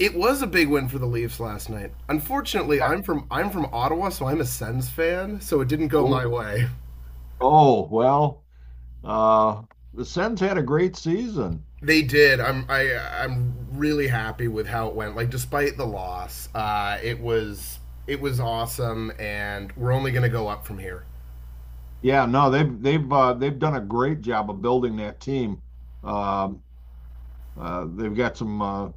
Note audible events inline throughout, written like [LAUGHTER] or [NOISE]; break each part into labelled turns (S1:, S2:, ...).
S1: It was a big win for the Leafs last night. Unfortunately,
S2: Yeah.
S1: I'm from Ottawa, so I'm a Sens fan, so it didn't go my
S2: Oh,
S1: way.
S2: oh, well, uh, the Sens had a great season.
S1: They did. I'm really happy with how it went. Like despite the loss, it was awesome, and we're only going to go up from here.
S2: Yeah, no, they've they've done a great job of building that team. Um, they've got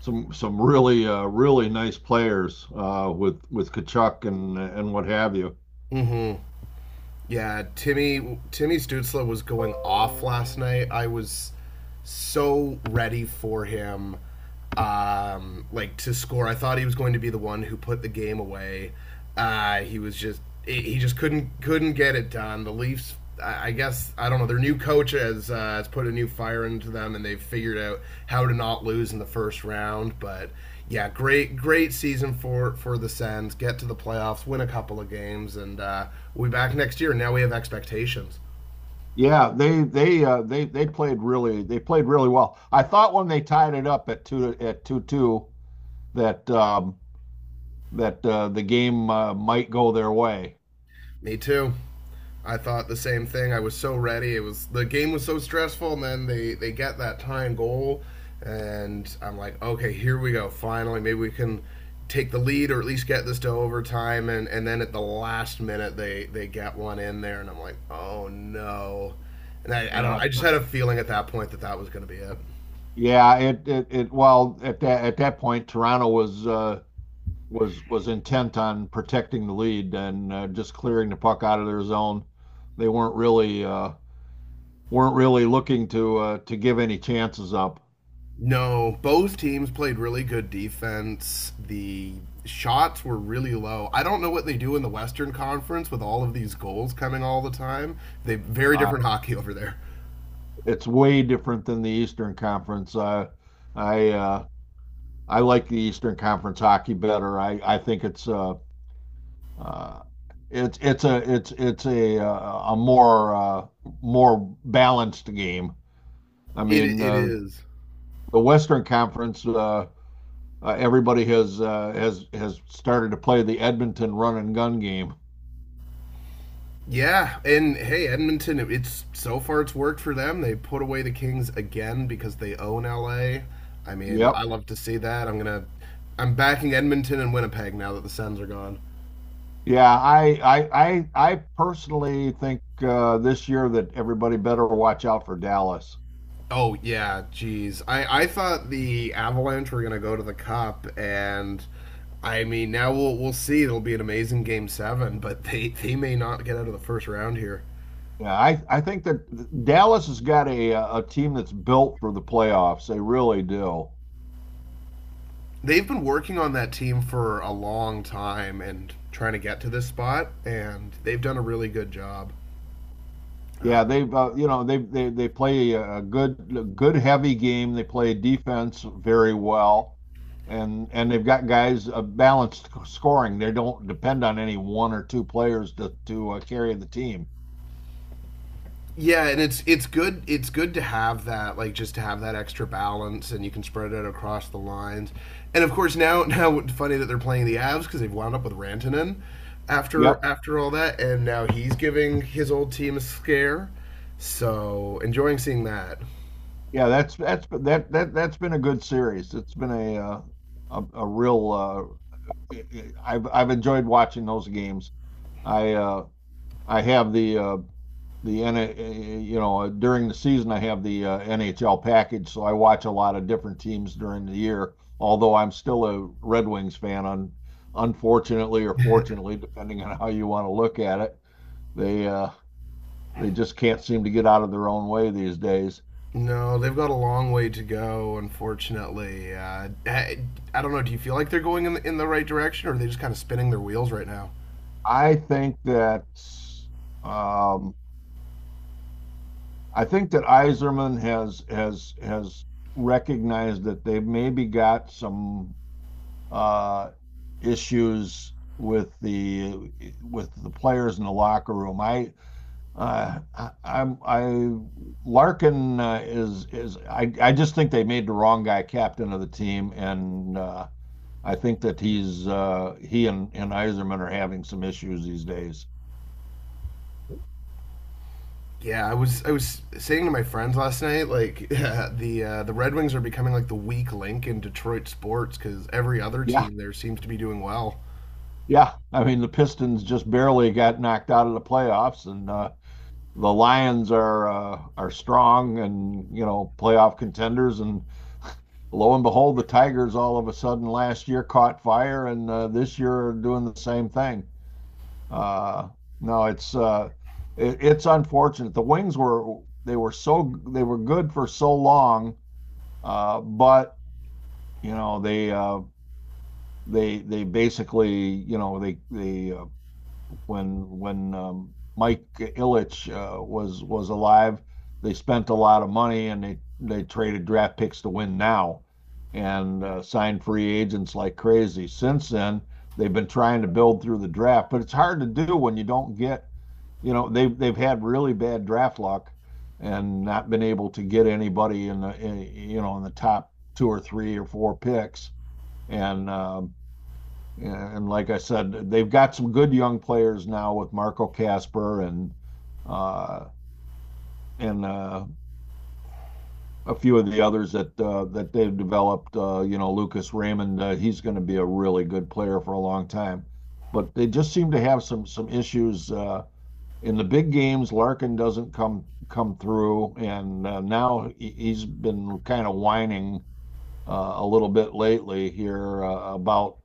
S2: some really nice players with Kachuk and what have you.
S1: Mm-hmm. Yeah, Timmy Stutzla was going off last night. I was so ready for him like to score. I thought he was going to be the one who put the game away. He was just he just couldn't get it done. The Leafs, I guess, I don't know. Their new coach has put a new fire into them, and they've figured out how to not lose in the first round. But yeah, great season for the Sens. Get to the playoffs, win a couple of games, and we'll be back next year. Now we have expectations.
S2: Yeah, they they played really they played really well. I thought when they tied it up at two at two that um, that the game might go their way.
S1: Me too. I thought the same thing. I was so ready. It was, the game was so stressful, and then they get that tying goal, and I'm like, okay, here we go. Finally, maybe we can take the lead or at least get this to overtime. And then at the last minute, they get one in there, and I'm like, oh no. And I don't.
S2: Yeah,
S1: I just had a feeling at that point that that was going to be it.
S2: Yeah, well, at that point, Toronto was, was intent on protecting the lead and just clearing the puck out of their zone. They weren't really weren't really looking to give any chances up.
S1: No, both teams played really good defense. The shots were really low. I don't know what they do in the Western Conference with all of these goals coming all the time. They very
S2: Uh,
S1: different [LAUGHS] hockey over there.
S2: it's way different than the Eastern Conference. I, uh, I like the Eastern Conference hockey better. I think uh, it's a, it's a more, more balanced game. I
S1: It
S2: mean,
S1: it is.
S2: the Western Conference, everybody has started to play the Edmonton run and gun game.
S1: Yeah, and hey, Edmonton. It's so far it's worked for them. They put away the Kings again because they own LA. I mean, I
S2: Yep.
S1: love to see that. I'm backing Edmonton and Winnipeg now that the Sens are gone.
S2: Yeah, I personally think this year that everybody better watch out for Dallas.
S1: Oh yeah, geez. I thought the Avalanche were gonna go to the Cup, and I mean now we'll see. It'll be an amazing Game Seven, but [LAUGHS] they may not get out of the first round here.
S2: Yeah, I think that Dallas has got a team that's built for the playoffs. They really do.
S1: They've been working on that team for a long time and trying to get to this spot, and they've done a really good job.
S2: Yeah, they've you know they they play a good good heavy game. They play defense very well, and they've got guys balanced scoring. They don't depend on any one or two players to carry the team.
S1: Yeah, and it's good to have that, like just to have that extra balance, and you can spread it across the lines. And of course now [LAUGHS] now it's funny that they're playing the Avs because they've wound up with Rantanen after
S2: Yep,
S1: after all that, and now he's giving his old team a scare. So enjoying seeing that.
S2: yeah, that's that that that's been a good series. It's been a real. I've enjoyed watching those games. I uh, I have the the N, uh, you know, during the season, I have the NHL package, so I watch a lot of different teams during the year. Although I'm still a Red Wings fan, unfortunately or fortunately, depending on how you want to look at it, they uh, they just can't seem to get out of their own way these days.
S1: No, they've got a long way to go, unfortunately. I don't know. Do you feel like they're going in the right direction, or are they just kind of spinning their wheels right now?
S2: I think that um, I think that Iserman has has recognized that they maybe got some uh, issues with the players in the locker room. I, I'm I Larkin is I just think they made the wrong guy captain of the team, and I think that he and Iserman are having some issues these days.
S1: Yeah, I was saying to my friends last night, like [LAUGHS] the Red Wings are becoming like the weak link in Detroit sports because every other
S2: Yeah,
S1: team there seems to be doing well.
S2: yeah. I mean the Pistons just barely got knocked out of the playoffs, and the Lions are strong and you know playoff contenders, and lo and behold, the Tigers all of a sudden last year caught fire, and this year are doing the same thing. Uh, no, it's unfortunate. The Wings were they were good for so long, but you know they basically you know they when when Mike Ilitch was alive, they spent a lot of money and they traded draft picks to win now, and signed free agents like crazy. Since then, they've been trying to build through the draft, but it's hard to do when you don't get, you know, they've had really bad draft luck and not been able to get anybody in the you know in the top two or three or four picks and. Yeah, and like I said, they've got some good young players now with Marco Casper uh, and a few of the others that that they've developed. You know, Lucas Raymond, he's going to be a really good player for a long time. But they just seem to have some issues in the big games. Larkin doesn't come through, and now he's been kind of whining a little bit lately here about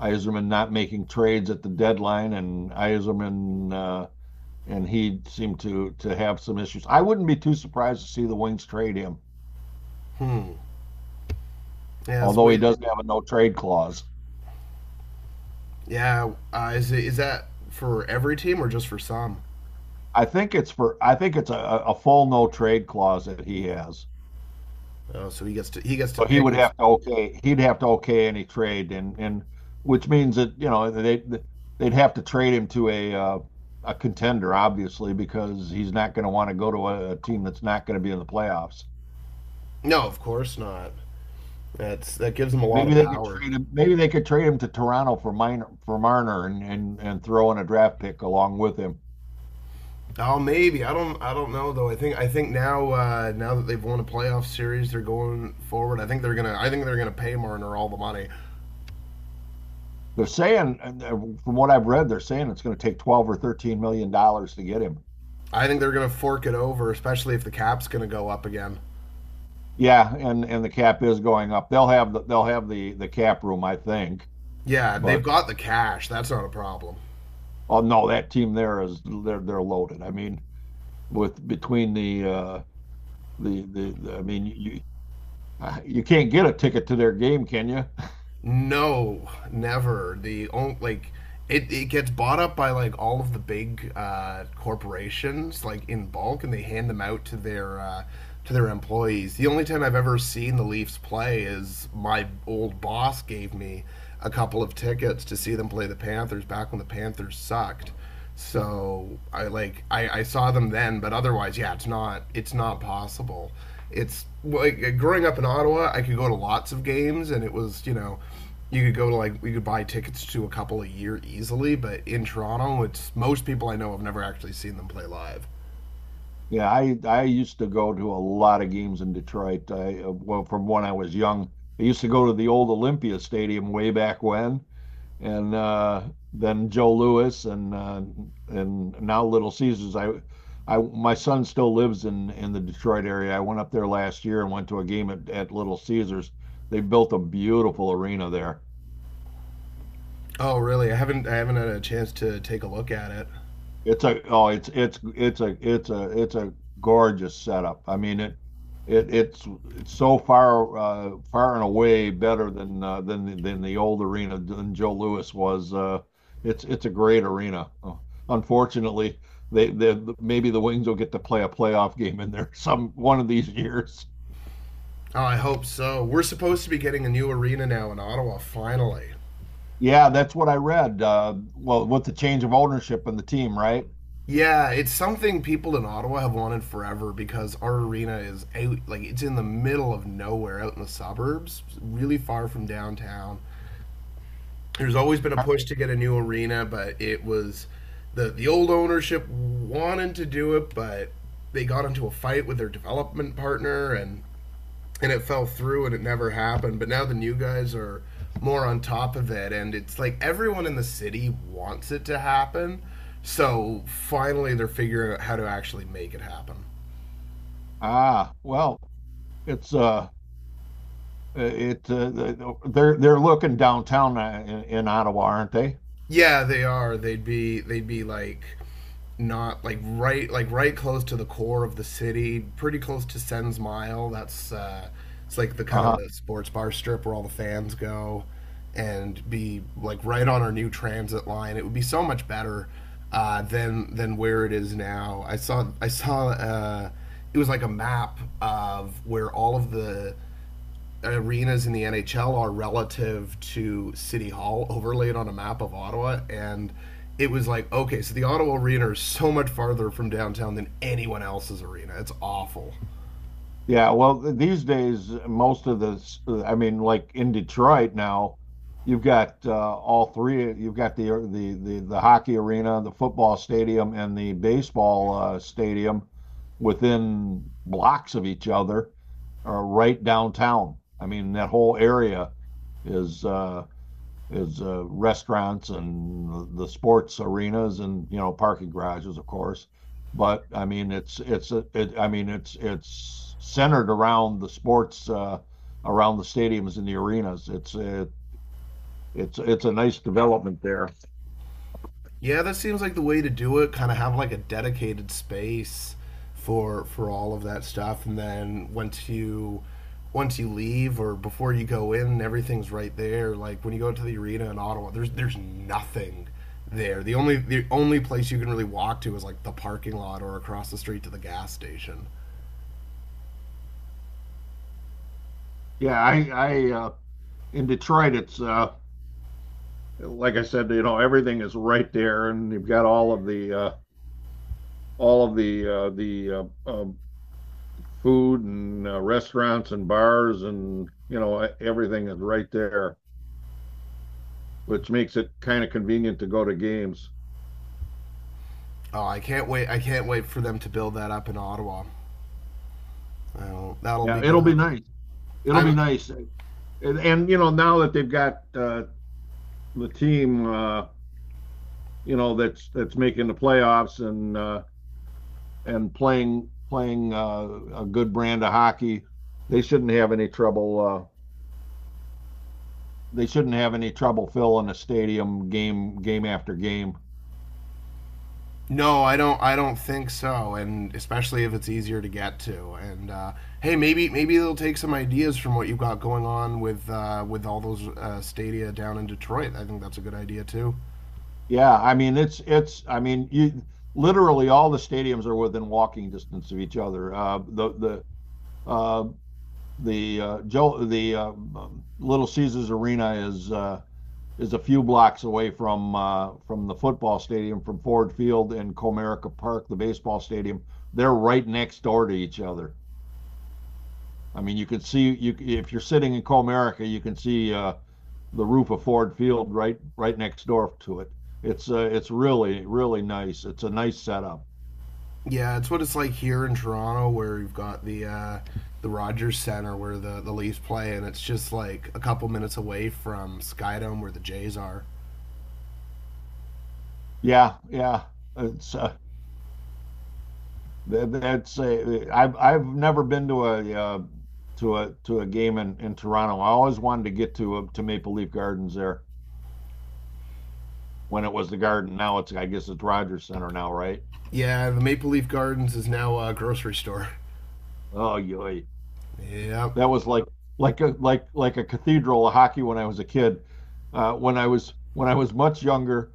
S2: Iserman not making trades at the deadline and Iserman and he seemed to have some issues. I wouldn't be too surprised to see the Wings trade him,
S1: Hmm. Yeah. It's
S2: although
S1: way,
S2: he does not have a no trade clause.
S1: yeah. Is it, is that for every team or just for some?
S2: I think it's for I think it's a full no trade clause that he has.
S1: Oh, so he gets to
S2: So he
S1: pick
S2: would
S1: his.
S2: have to okay any trade and which means that you know they'd have to trade him to a contender obviously because he's not going to want to go to a team that's not going to be in the playoffs.
S1: No, of course not. That's that gives him a lot
S2: Maybe
S1: of
S2: they could
S1: power.
S2: trade him. Maybe they could trade him to Toronto for Marner and throw in a draft pick along with him.
S1: Oh, maybe I don't know though. I think now now that they've won a playoff series, they're going forward. I think they're gonna pay Marner all the money.
S2: They're saying, from what I've read, they're saying it's going to take $12 or $13 million to get him.
S1: I think they're going to fork it over, especially if the cap's going to go up again.
S2: Yeah, and the cap is going up. They'll have the the cap room, I think.
S1: Yeah, and they've
S2: But
S1: got the cash. That's not a problem.
S2: oh no, that team there is they're loaded. I mean, with between the I mean you you can't get a ticket to their game, can you?
S1: No, never. The only like it gets bought up by like all of the big corporations like in bulk, and they hand them out to their employees. The only time I've ever seen the Leafs play is my old boss gave me a couple of tickets to see them play the Panthers back when the Panthers sucked. So I like I saw them then, but otherwise, yeah, it's not possible. It's like growing up in Ottawa, I could go to lots of games, and it was, you know, you could go to like, we could buy tickets to a couple a year easily. But in Toronto, it's most people I know have never actually seen them play live.
S2: Yeah, I used to go to a lot of games in Detroit. I Well, from when I was young, I used to go to the old Olympia Stadium way back when, and then Joe Louis and now Little Caesars. I my son still lives in the Detroit area. I went up there last year and went to a game at Little Caesars. They built a beautiful arena there.
S1: Oh, really? I haven't had a chance to take a look at it.
S2: It's a it's a gorgeous setup. I mean it it's it's so far and away better than than the old arena than Joe Louis was. It's a great arena. Unfortunately, they maybe the Wings will get to play a playoff game in there [LAUGHS] some one of these years.
S1: Oh, I hope so. We're supposed to be getting a new arena now in Ottawa finally.
S2: Yeah, that's what I read. Well, with the change of ownership in the team, right?
S1: Yeah, it's something people in Ottawa have wanted forever because our arena is out, like it's in the middle of nowhere, out in the suburbs, really far from downtown. There's always been a
S2: Aren't
S1: push
S2: they-
S1: to get a new arena, but it was, the old ownership wanted to do it, but they got into a fight with their development partner and it fell through and it never happened. But now the new guys are more on top of it, and it's like everyone in the city wants it to happen. So finally, they're figuring out how to actually make it happen.
S2: Ah, well, it's uh Uh, It, uh, they're looking downtown in Ottawa, aren't they?
S1: Yeah, they are. They'd be like not like right close to the core of the city, pretty close to Sens Mile. That's it's like the kind of
S2: Uh-huh.
S1: sports bar strip where all the fans go and be like right on our new transit line. It would be so much better than where it is now. I saw it was like a map of where all of the arenas in the NHL are relative to City Hall overlaid on a map of Ottawa and it was like okay so the Ottawa arena is so much farther from downtown than anyone else's arena, it's awful.
S2: Yeah, well, these days, most of the, I mean, like in Detroit now, you've got all three. You've got the hockey arena, the football stadium, and the baseball stadium within blocks of each other, right downtown. I mean, that whole area is restaurants and the sports arenas and you know parking garages, of course. But I mean, I mean, it's centered around the sports around the stadiums and the arenas. It's a nice development there.
S1: Yeah, that seems like the way to do it. Kind of have like a dedicated space for all of that stuff, and then once you leave or before you go in, everything's right there. Like when you go to the arena in Ottawa, there's nothing there. The only place you can really walk to is like the parking lot or across the street to the gas station.
S2: Yeah, I in Detroit, it's like I said, you know, everything is right there, and you've got all of the food and restaurants and bars and you know everything is right there, which makes it kind of convenient to go to games.
S1: Oh, I can't wait! I can't wait for them to build that up in Ottawa. Oh, that'll
S2: Yeah,
S1: be
S2: it'll be
S1: good.
S2: nice. It'll be
S1: I'm.
S2: nice. And you know now that they've got the team, you know that's making the playoffs and playing a good brand of hockey, they shouldn't have any trouble. They shouldn't have any trouble filling a stadium game game after game.
S1: No, I don't. I don't think so, and especially if it's easier to get to. And hey, maybe they'll take some ideas from what you've got going on with all those stadia down in Detroit. I think that's a good idea too.
S2: Yeah, I mean it's I mean you literally all the stadiums are within walking distance of each other. Uh, the Joe the Little Caesars Arena is a few blocks away from the football stadium, from Ford Field and Comerica Park, the baseball stadium. They're right next door to each other. I mean, you can see you if you're sitting in Comerica, you can see the roof of Ford Field right right next door to it. It's really really nice. It's a nice setup.
S1: Yeah, it's what it's like here in Toronto, where you've got the Rogers Center where the Leafs play, and it's just like a couple minutes away from Skydome where the Jays are.
S2: Yeah, yeah. It's uh, that's I've never been to a to a to a game in Toronto. I always wanted to get to Maple Leaf Gardens there when it was the Garden. Now it's I guess it's Rogers Center now, right?
S1: Yeah, the Maple Leaf Gardens is now a grocery store. [LAUGHS]
S2: Oh, yoy.
S1: Yep.
S2: That was like like a like a cathedral of hockey when I was a kid. When I was much younger,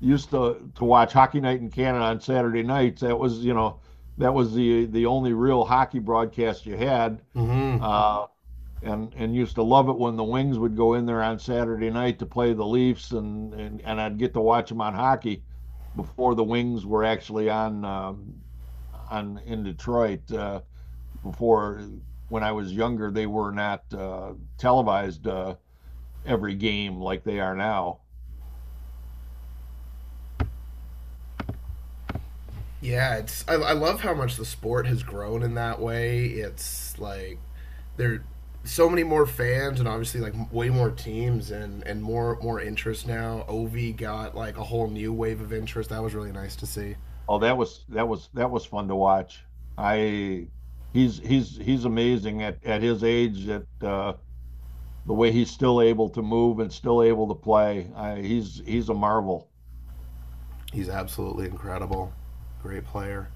S2: used to watch Hockey Night in Canada on Saturday nights. That was you know that was the only real hockey broadcast you had.
S1: Hmm.
S2: Uh, and used to love it when the Wings would go in there on Saturday night to play the Leafs, and and I'd get to watch them on hockey before the Wings were actually on in Detroit. Before when I was younger, they were not televised every game like they are now.
S1: Yeah, it's, I love how much the sport has grown in that way. It's like there are so many more fans and obviously like way more teams and more interest now. Ovi got like a whole new wave of interest. That was really nice to see.
S2: Oh, that was fun to watch. I he's amazing at his age at the way he's still able to move and still able to play. I, he's a marvel.
S1: He's absolutely incredible. Great player.